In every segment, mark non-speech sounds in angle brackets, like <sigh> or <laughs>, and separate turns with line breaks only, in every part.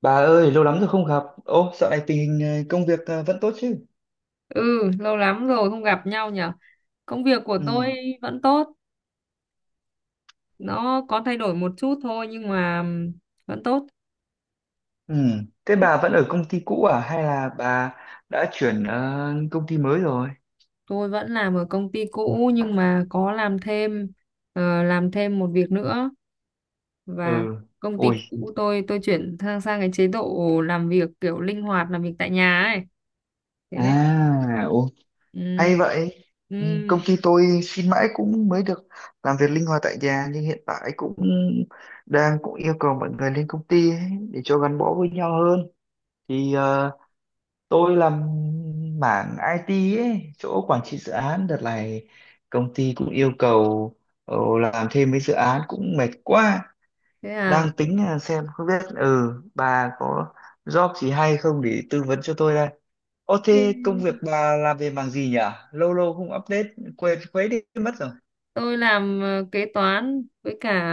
Bà ơi, lâu lắm rồi không gặp. Ô, dạo này tình hình công việc vẫn tốt chứ?
Ừ, lâu lắm rồi không gặp nhau nhở. Công việc của tôi
Ừ.
vẫn tốt, nó có thay đổi một chút thôi nhưng mà vẫn tốt.
Ừ. Thế bà vẫn ở công ty cũ à? Hay là bà đã chuyển công ty mới rồi?
Tôi vẫn làm ở công ty cũ nhưng mà có làm thêm một việc nữa, và
Ừ.
công ty
Ui.
cũ tôi chuyển sang sang cái chế độ làm việc kiểu linh hoạt, làm việc tại nhà ấy. Thế nên
À, ô,
ừm,
hay vậy. Ừ, công
ừm,
ty tôi xin mãi cũng mới được làm việc linh hoạt tại nhà, nhưng hiện tại cũng đang cũng yêu cầu mọi người lên công ty ấy, để cho gắn bó với nhau hơn. Thì ờ, Tôi làm mảng IT ấy, chỗ quản trị dự án. Đợt này công ty cũng yêu cầu làm thêm mấy dự án cũng mệt quá.
thế à.
Đang tính là xem không biết ừ bà có job gì hay không để tư vấn cho tôi đây. Ô, thế công việc bà làm về mảng gì nhỉ? Lâu lâu không update quên quấy đi mất rồi.
Tôi làm kế toán với cả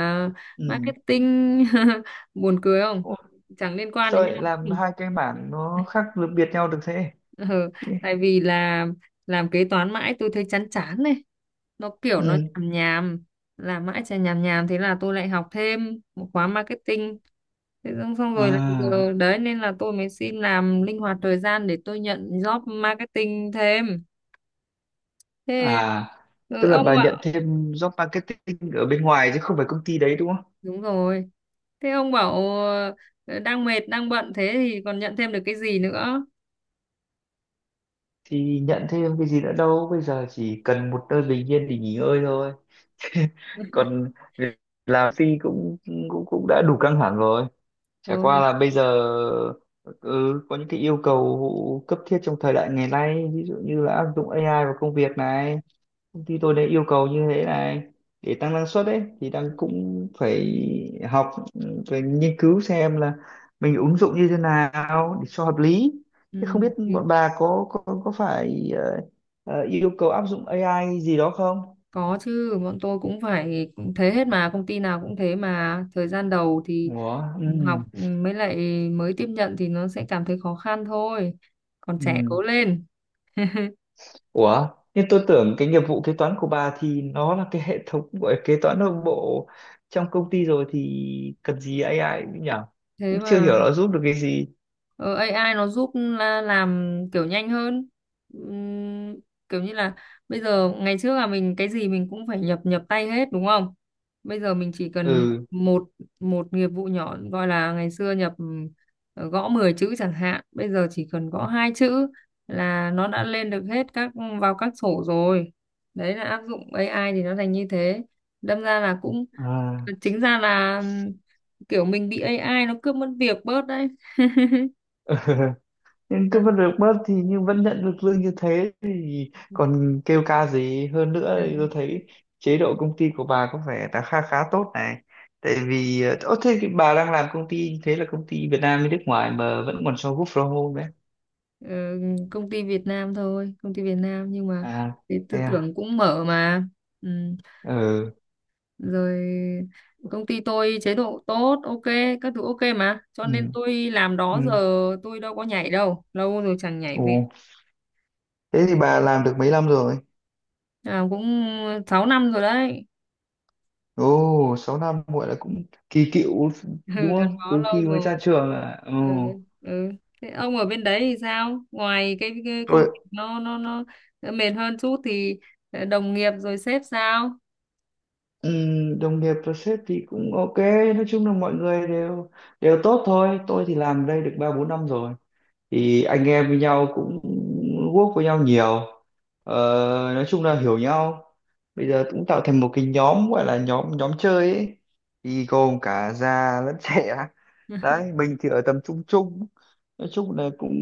Ừ.
marketing <laughs> buồn cười không,
Ô,
chẳng liên quan
sao
đến
lại
nhau.
làm hai cái mảng nó khác biệt nhau được thế?
<laughs> Ừ, tại vì là làm kế toán mãi tôi thấy chán chán này, nó kiểu nó
Ừ.
nhàm nhàm, làm mãi chả nhàm nhàm, thế là tôi lại học thêm một khóa marketing, thế xong xong rồi là
À.
giờ đấy, nên là tôi mới xin làm linh hoạt thời gian để tôi nhận job marketing thêm thế,
À, tức là
ông
bà nhận
ạ.
thêm job marketing ở bên ngoài chứ không phải công ty đấy đúng không?
Đúng rồi. Thế ông bảo đang mệt, đang bận thế thì còn nhận thêm được cái gì nữa?
Thì nhận thêm cái gì nữa đâu, bây giờ chỉ cần một nơi bình yên để nghỉ ngơi thôi. <laughs> Còn việc làm phi cũng cũng cũng đã đủ căng thẳng rồi. Chả qua
Thôi.
là bây giờ ừ, có những cái yêu cầu cấp thiết trong thời đại ngày nay, ví dụ như là áp dụng AI vào công việc này. Công ty tôi đã yêu cầu như thế này để tăng năng suất ấy, thì đang cũng phải học, phải nghiên cứu xem là mình ứng dụng như thế nào để cho hợp lý.
Ừ,
Thế không biết
thì
bọn bà có phải yêu cầu áp dụng AI gì đó không?
có chứ, bọn tôi cũng phải cũng thế hết mà, công ty nào cũng thế mà. Thời gian đầu thì
Ủa, ừ,
học, mới lại mới tiếp nhận thì nó sẽ cảm thấy khó khăn thôi. Còn trẻ
ừ.
cố lên.
Ủa, nhưng tôi tưởng cái nghiệp vụ kế toán của bà thì nó là cái hệ thống gọi kế toán nội bộ trong công ty rồi thì cần gì AI nhỉ,
Thế
cũng chưa hiểu
mà.
nó giúp được cái gì.
Ờ, AI nó giúp làm kiểu nhanh hơn. Ừm, Kiểu như là bây giờ ngày trước là mình cái gì mình cũng phải nhập nhập tay hết đúng không? Bây giờ mình chỉ cần nhập
Ừ.
một một nghiệp vụ nhỏ, gọi là ngày xưa nhập gõ 10 chữ chẳng hạn, bây giờ chỉ cần gõ hai chữ là nó đã lên được hết vào các sổ rồi. Đấy là áp dụng AI thì nó thành như thế, đâm ra là cũng
À.
chính ra là kiểu mình bị AI nó cướp mất việc bớt đấy.
<laughs> Nhưng cứ vẫn được bớt thì, nhưng vẫn nhận được lương như thế thì còn kêu ca gì hơn nữa.
Ừ.
Thì tôi thấy chế độ công ty của bà có vẻ là khá khá tốt này. Tại vì ờ, thế thì bà đang làm công ty như thế là công ty Việt Nam với nước ngoài mà vẫn còn cho work from home đấy?
Ờ, Công ty Việt Nam thôi, công ty Việt Nam nhưng mà
À,
cái
thế
tư
à.
tưởng cũng mở mà. Ừ,
Ừ.
rồi, công ty tôi chế độ tốt ok, các thứ ok mà, cho nên
Ừ.
tôi làm đó giờ,
Ừ.
tôi đâu có nhảy đâu, lâu rồi chẳng nhảy
Ồ,
việc,
thế thì bà làm được mấy năm rồi?
làm cũng 6 năm rồi đấy.
Ồ, 6 năm gọi là cũng kỳ cựu,
<laughs> Ừ,
đúng
gắn
không,
bó
từ
lâu
khi mới
rồi.
ra trường à? Ồ.
Ừ, ừ. Thế ông ở bên đấy thì sao, ngoài cái,
Tôi.
công việc nó mệt hơn chút thì đồng nghiệp rồi sếp sao?
Ừ, đồng nghiệp và sếp thì cũng ok, nói chung là mọi người đều đều tốt thôi. Tôi thì làm đây được 3 4 năm rồi, thì anh em với nhau cũng work với nhau nhiều, ờ, nói chung là hiểu nhau. Bây giờ cũng tạo thành một cái nhóm, gọi là nhóm nhóm chơi ấy, thì gồm cả già lẫn <laughs> trẻ.
<laughs>
Đấy, mình thì ở tầm trung trung, nói chung là cũng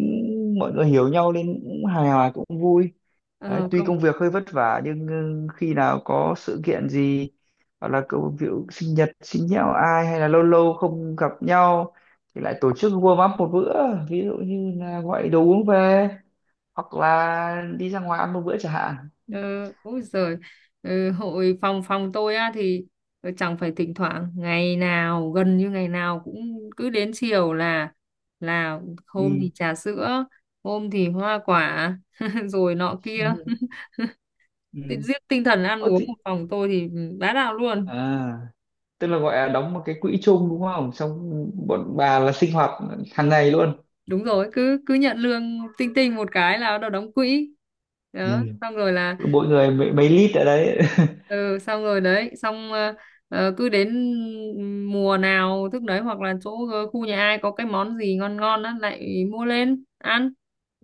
mọi người hiểu nhau nên cũng hài hòa, cũng vui. Đấy,
ờ,
tuy
công
công việc hơi vất vả nhưng ừ, khi nào có sự kiện gì, hoặc là cậu ví sinh nhật sinh nhạo ai, hay là lâu lâu không gặp nhau, thì lại tổ chức warm up một bữa, ví dụ như là gọi đồ uống về, hoặc là đi ra ngoài ăn một bữa chẳng hạn.
ừ, Ôi giời, ừ, hội phòng phòng tôi á thì chẳng phải thỉnh thoảng, ngày nào gần như ngày nào cũng cứ đến chiều là là hôm
Ừ.
thì trà sữa, hôm thì hoa quả <laughs> rồi nọ kia.
Ừ. Ừ.
Tự giết tinh thần ăn
Ô,
uống
thì...
của phòng tôi thì bá đạo luôn.
À, tức là gọi là đóng một cái quỹ chung đúng không, xong bọn bà là sinh hoạt hàng ngày luôn.
Đúng rồi, cứ cứ nhận lương tinh tinh một cái là nó đóng quỹ
Ừ.
đó, xong rồi là
Mỗi người mấy lít ở đấy. <laughs>
ừ xong rồi đấy, xong cứ đến mùa nào thức đấy, hoặc là chỗ khu nhà ai có cái món gì ngon ngon á lại mua lên ăn.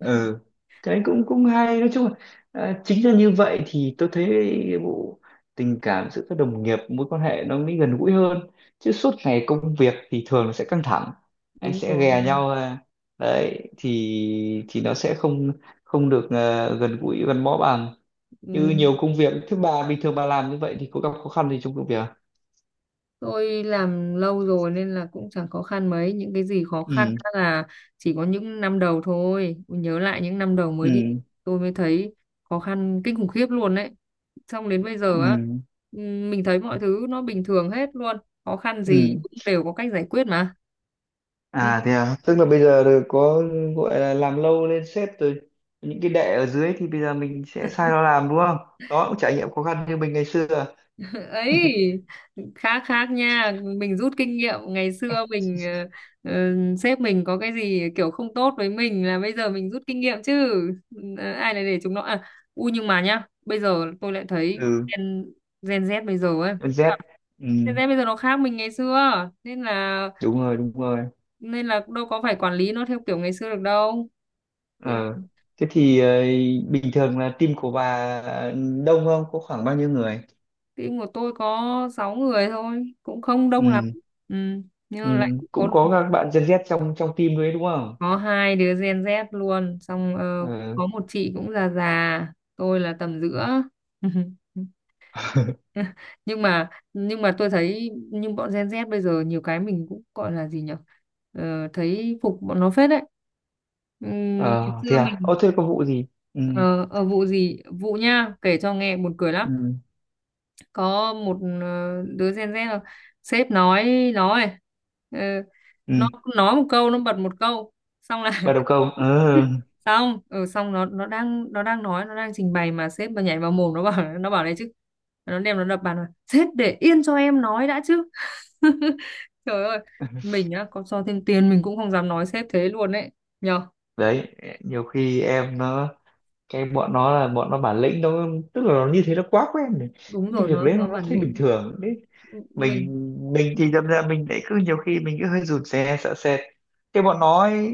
<laughs>
cái cũng cũng hay, nói chung là à, chính là như vậy thì tôi thấy bộ tình cảm giữa các đồng nghiệp, mối quan hệ nó mới gần gũi hơn. Chứ suốt ngày công việc thì thường nó sẽ căng thẳng, anh
Đúng
sẽ
rồi.
ghè nhau à. Đấy thì nó sẽ không không được à, gần gũi gắn bó bằng. Như nhiều
Ừ.
công việc thứ ba bình thường, bà làm như vậy thì có gặp khó khăn gì trong công việc không?
Tôi làm lâu rồi nên là cũng chẳng khó khăn mấy, những cái gì khó khăn
Ừ.
á là chỉ có những năm đầu thôi, nhớ lại những năm đầu mới đi
Ừ.
tôi mới thấy khó khăn kinh khủng khiếp luôn đấy, xong đến bây giờ á
Ừ.
ừ, mình thấy mọi thứ nó bình thường hết luôn, khó khăn
Ừ.
gì cũng đều có cách giải quyết mà. Ừ.
À, thế à, tức là bây giờ rồi có, gọi là làm lâu lên sếp rồi, những cái đệ ở dưới thì bây giờ mình sẽ sai nó làm đúng không? Đó cũng trải nghiệm khó khăn như mình ngày xưa.
Ấy, khác khác nha, mình rút kinh nghiệm ngày xưa mình ờ, sếp mình có cái gì kiểu không tốt với mình là bây giờ mình rút kinh nghiệm chứ. Ờ, ai lại để chúng nó, à, nhưng mà nhá, bây giờ tôi lại thấy
Ừ,
Gen Z bây giờ ấy,
con Z.
Gen
Ừ,
Z bây giờ nó khác mình ngày xưa, nên là
đúng rồi, đúng rồi.
nên là đâu có phải quản lý nó theo kiểu ngày xưa được đâu bây
Ờ. Thế thì bình thường là team của bà đông không? Có khoảng bao nhiêu người?
team của tôi có 6 người thôi, cũng không đông lắm.
Ừ,
Ừ, nhưng
ừ.
mà lại có
Cũng có các bạn Gen Z trong trong team đấy đúng không?
có hai đứa Gen Z luôn, xong
Ờ.
có một chị cũng già già, tôi là tầm giữa. <laughs>
<laughs>
Nhưng mà tôi thấy, nhưng bọn Gen Z bây giờ nhiều cái mình cũng gọi là gì nhở? Ờ, thấy phục bọn nó phết đấy. Ngày
Ờ, thế
xưa
à? Ô,
mình.
thế có vụ gì? Ừ,
Ờ, Vụ gì, vụ nha, kể cho nghe buồn cười lắm,
ừ,
có một đứa Gen Z là, sếp nói ờ, nó
ừ.
nói một câu, nó bật một câu xong là,
Bà đầu câu. Ừ.
xong xong nó đang nói, nó đang trình bày mà sếp mà nhảy vào mồm nó, bảo, này chứ, nó đập bàn, là sếp để yên cho em nói đã chứ. <laughs> Trời ơi, mình á có cho thêm tiền mình cũng không dám nói sếp thế luôn ấy nhờ.
Đấy, nhiều khi em nó, cái bọn nó là bọn nó bản lĩnh, nó tức là nó như thế, nó quá quen rồi,
Đúng
cái
rồi,
việc
nó
đấy nó
nó
nó
bản
thấy bình
lĩnh.
thường đấy. Mình
Mình
thì đâm ra mình lại cứ nhiều khi mình cứ hơi rụt rè, sợ sệt cái bọn nó ấy.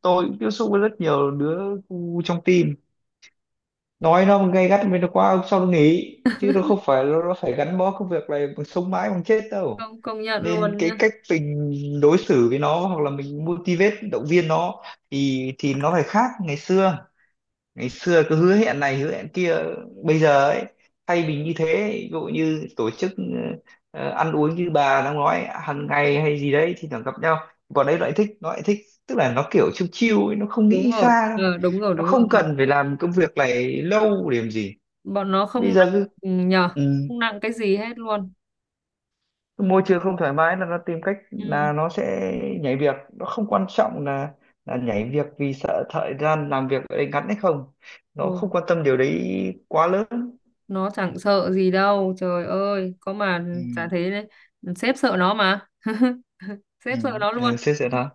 Tôi cũng tiếp xúc với rất nhiều đứa trong team, nói nó gay gắt với nó quá sau nó nghỉ, chứ nó không phải nó phải gắn bó công việc này bằng sống mãi bằng chết đâu.
không công nhận
Nên
luôn
cái
nhá.
cách mình đối xử với nó, hoặc là mình motivate động viên nó, thì nó phải khác ngày xưa. Ngày xưa cứ hứa hẹn này hứa hẹn kia, bây giờ ấy, thay vì như thế, ví dụ như tổ chức ăn uống như bà đang nói hàng ngày hay gì đấy thì thường gặp nhau. Còn đấy nó lại thích, nó lại thích, tức là nó kiểu chill chill ấy, nó không
Đúng
nghĩ
rồi,
xa đâu.
đúng rồi,
Nó
đúng rồi,
không cần phải làm công việc này lâu để làm gì.
bọn nó không
Bây
nặng,
giờ cứ
ừ, nhờ,
ừ,
không nặng cái gì hết luôn.
cái môi trường không thoải mái là nó tìm cách
Ừ.
là nó sẽ nhảy việc. Nó không quan trọng là nhảy việc vì sợ thời gian làm việc ở đây ngắn hay không, nó
Ừ.
không quan tâm điều đấy quá lớn.
Nó chẳng sợ gì đâu, trời ơi có mà, chả
Ừ,
thế đấy, sếp sợ nó mà,
ừ,
sếp sợ nó
ừ,
luôn.
xếp giờ đó.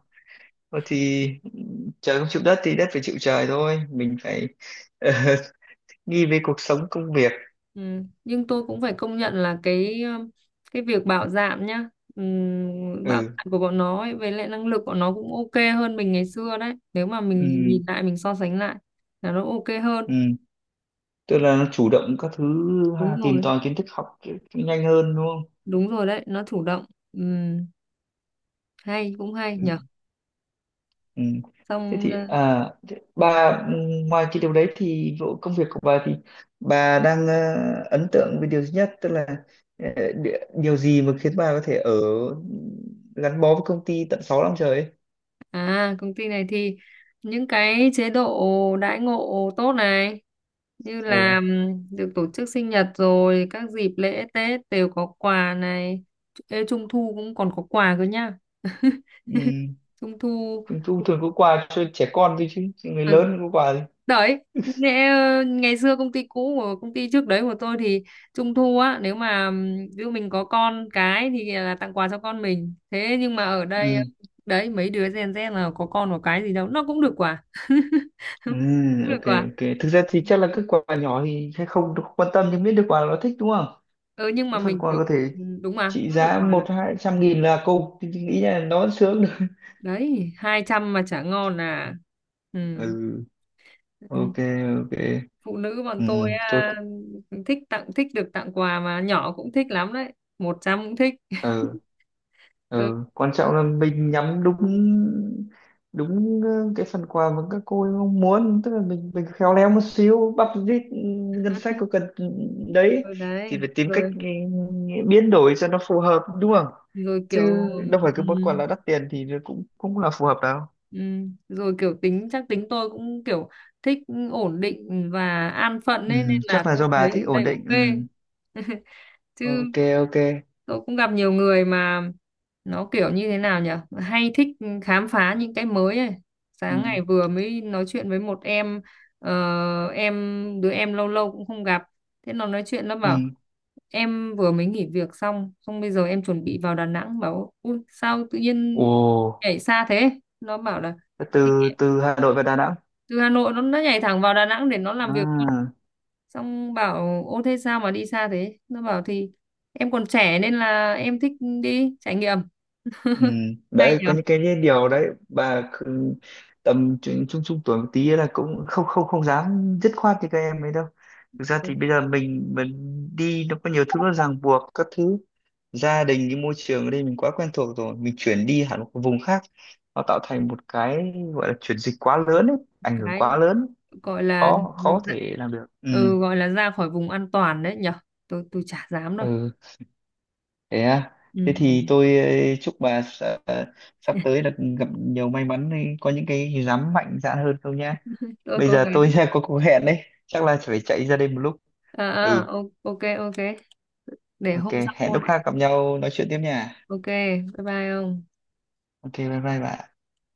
Ờ, thì ừ, trời không chịu đất thì đất phải chịu trời thôi, mình phải ờ, <laughs> nghi về cuộc sống công việc.
Ừ. Nhưng tôi cũng phải công nhận là cái việc bạo dạn nhá, bạo
Ừ,
dạn của bọn nó ấy, với lại năng lực của nó cũng ok hơn mình ngày xưa đấy, nếu mà
ừ,
mình nhìn lại mình so sánh lại là nó ok hơn.
ừ. Tức là nó chủ động các thứ,
Đúng
ha, tìm
rồi,
tòi kiến thức, học cái nhanh hơn đúng không.
đúng rồi đấy, nó chủ động. Ừm, Hay, cũng hay
Ừ.
nhở,
Ừ. Thế
xong.
thì
Ờ,
à, thế bà ừ, ngoài cái điều đấy thì vụ công việc của bà thì bà đang ấn tượng với điều duy nhất, tức là ờ, đi- điều gì mà khiến bà có thể ở gắn bó với công ty tận 6 năm trời ấy?
À, công ty này thì những cái chế độ đãi ngộ tốt này, như là
Ừ.
được tổ chức sinh nhật, rồi các dịp lễ Tết đều có quà này. Ê, Trung thu cũng còn có quà cơ nhá.
Ừ.
Trung thu.
Trung thu thường có quà cho trẻ con thôi, chứ chứ người
Ừ,
lớn không có quà gì.
đấy, ngày xưa công ty cũ, của công ty trước đấy của tôi thì trung thu á, nếu mà ví dụ mình có con cái thì là tặng quà cho con mình, thế nhưng mà ở đây
Ừ.
đấy mấy đứa Gen Z là có con có cái gì đâu, nó cũng được quà. <laughs>
Ừ.
Cũng được
Ok,
quà.
ok, thực ra thì chắc là các quà nhỏ thì hay không được quan tâm, nhưng biết được quà là nó thích đúng không.
Ừ, nhưng mà
Cái phần
mình
quà
kiểu,
có thể
ừ, đúng, mà
trị
cứ được
giá
quà
một
thích.
hai trăm nghìn là cùng thì nghĩ là nó vẫn sướng được.
Đấy, 200 mà chả ngon à.
<laughs>
Ừ.
Ừ.
Ừ.
Ok. Ok.
Phụ nữ bọn
Ừ.
tôi
Tốt.
à, thích được tặng quà mà, nhỏ cũng thích lắm đấy, 100 cũng thích.
Ừ.
Ừ,
Ừ, quan trọng là mình nhắm đúng đúng cái phần quà mà các cô ấy mong muốn, tức là mình khéo léo một xíu, bắp rít ừ, ngân sách có cần ừ, đấy
ừ,
thì phải
đấy
tìm cách
rồi,
ừ, biến đổi cho nó phù hợp đúng không,
rồi
chứ
kiểu,
đâu phải
ừ,
cứ món quà là đắt tiền thì nó cũng cũng là phù hợp đâu.
ừ, rồi kiểu, tính tôi cũng kiểu thích ổn định và an phận ấy, nên
Ừ,
là
chắc là
tôi
do bà
thấy ở
thích ổn
đây
định ừ.
ok. <laughs> Chứ
Ok. Ok.
tôi cũng gặp nhiều người mà nó kiểu như thế nào nhỉ, hay thích khám phá những cái mới ấy.
Ừ.
Sáng ngày vừa mới nói chuyện với một em, ờ, em đứa em lâu lâu cũng không gặp, thế nó nói chuyện nó
Ừ.
bảo em vừa mới nghỉ việc xong, xong bây giờ em chuẩn bị vào Đà Nẵng, bảo ui sao tự nhiên
Ồ,
nhảy xa thế, nó bảo là
từ từ Hà Nội và Đà Nẵng
từ Hà Nội nó nhảy thẳng vào Đà Nẵng để nó làm việc luôn,
à.
xong bảo ô thế sao mà đi xa thế, nó bảo thì em còn trẻ nên là em thích đi trải nghiệm.
Ừ,
Hay
đấy có
nhở,
những cái điều đấy bà cứ- tầm trung trung trung tuổi một tí là cũng không không không dám dứt khoát như các em ấy đâu. Thực ra thì bây giờ mình đi nó có nhiều thứ nó ràng buộc các thứ, gia đình, cái môi trường ở đây mình quá quen thuộc rồi, mình chuyển đi hẳn một cái vùng khác nó tạo thành một cái gọi là chuyển dịch quá lớn ấy, ảnh hưởng
cái
quá lớn,
gọi là
khó khó thể làm được. Ừ.
ừ, gọi là ra khỏi vùng an toàn đấy nhở, tôi chả dám đâu.
Ừ. Thế à?
Ừ.
Thế thì tôi chúc bà sắp
Ừ.
tới được gặp nhiều may mắn, có những cái dám mạnh dạn hơn không nhá.
<laughs> Tôi
Bây
cố
giờ
gắng.
tôi <laughs> có cuộc hẹn đấy, chắc là phải chạy ra đây một lúc.
à,
Ừ,
à, ô- ok ok, để
ok,
hôm sau
hẹn
cô
lúc
lại
khác gặp nhau nói chuyện tiếp nha.
ok, bye bye ông.
Ok, bye bye bà.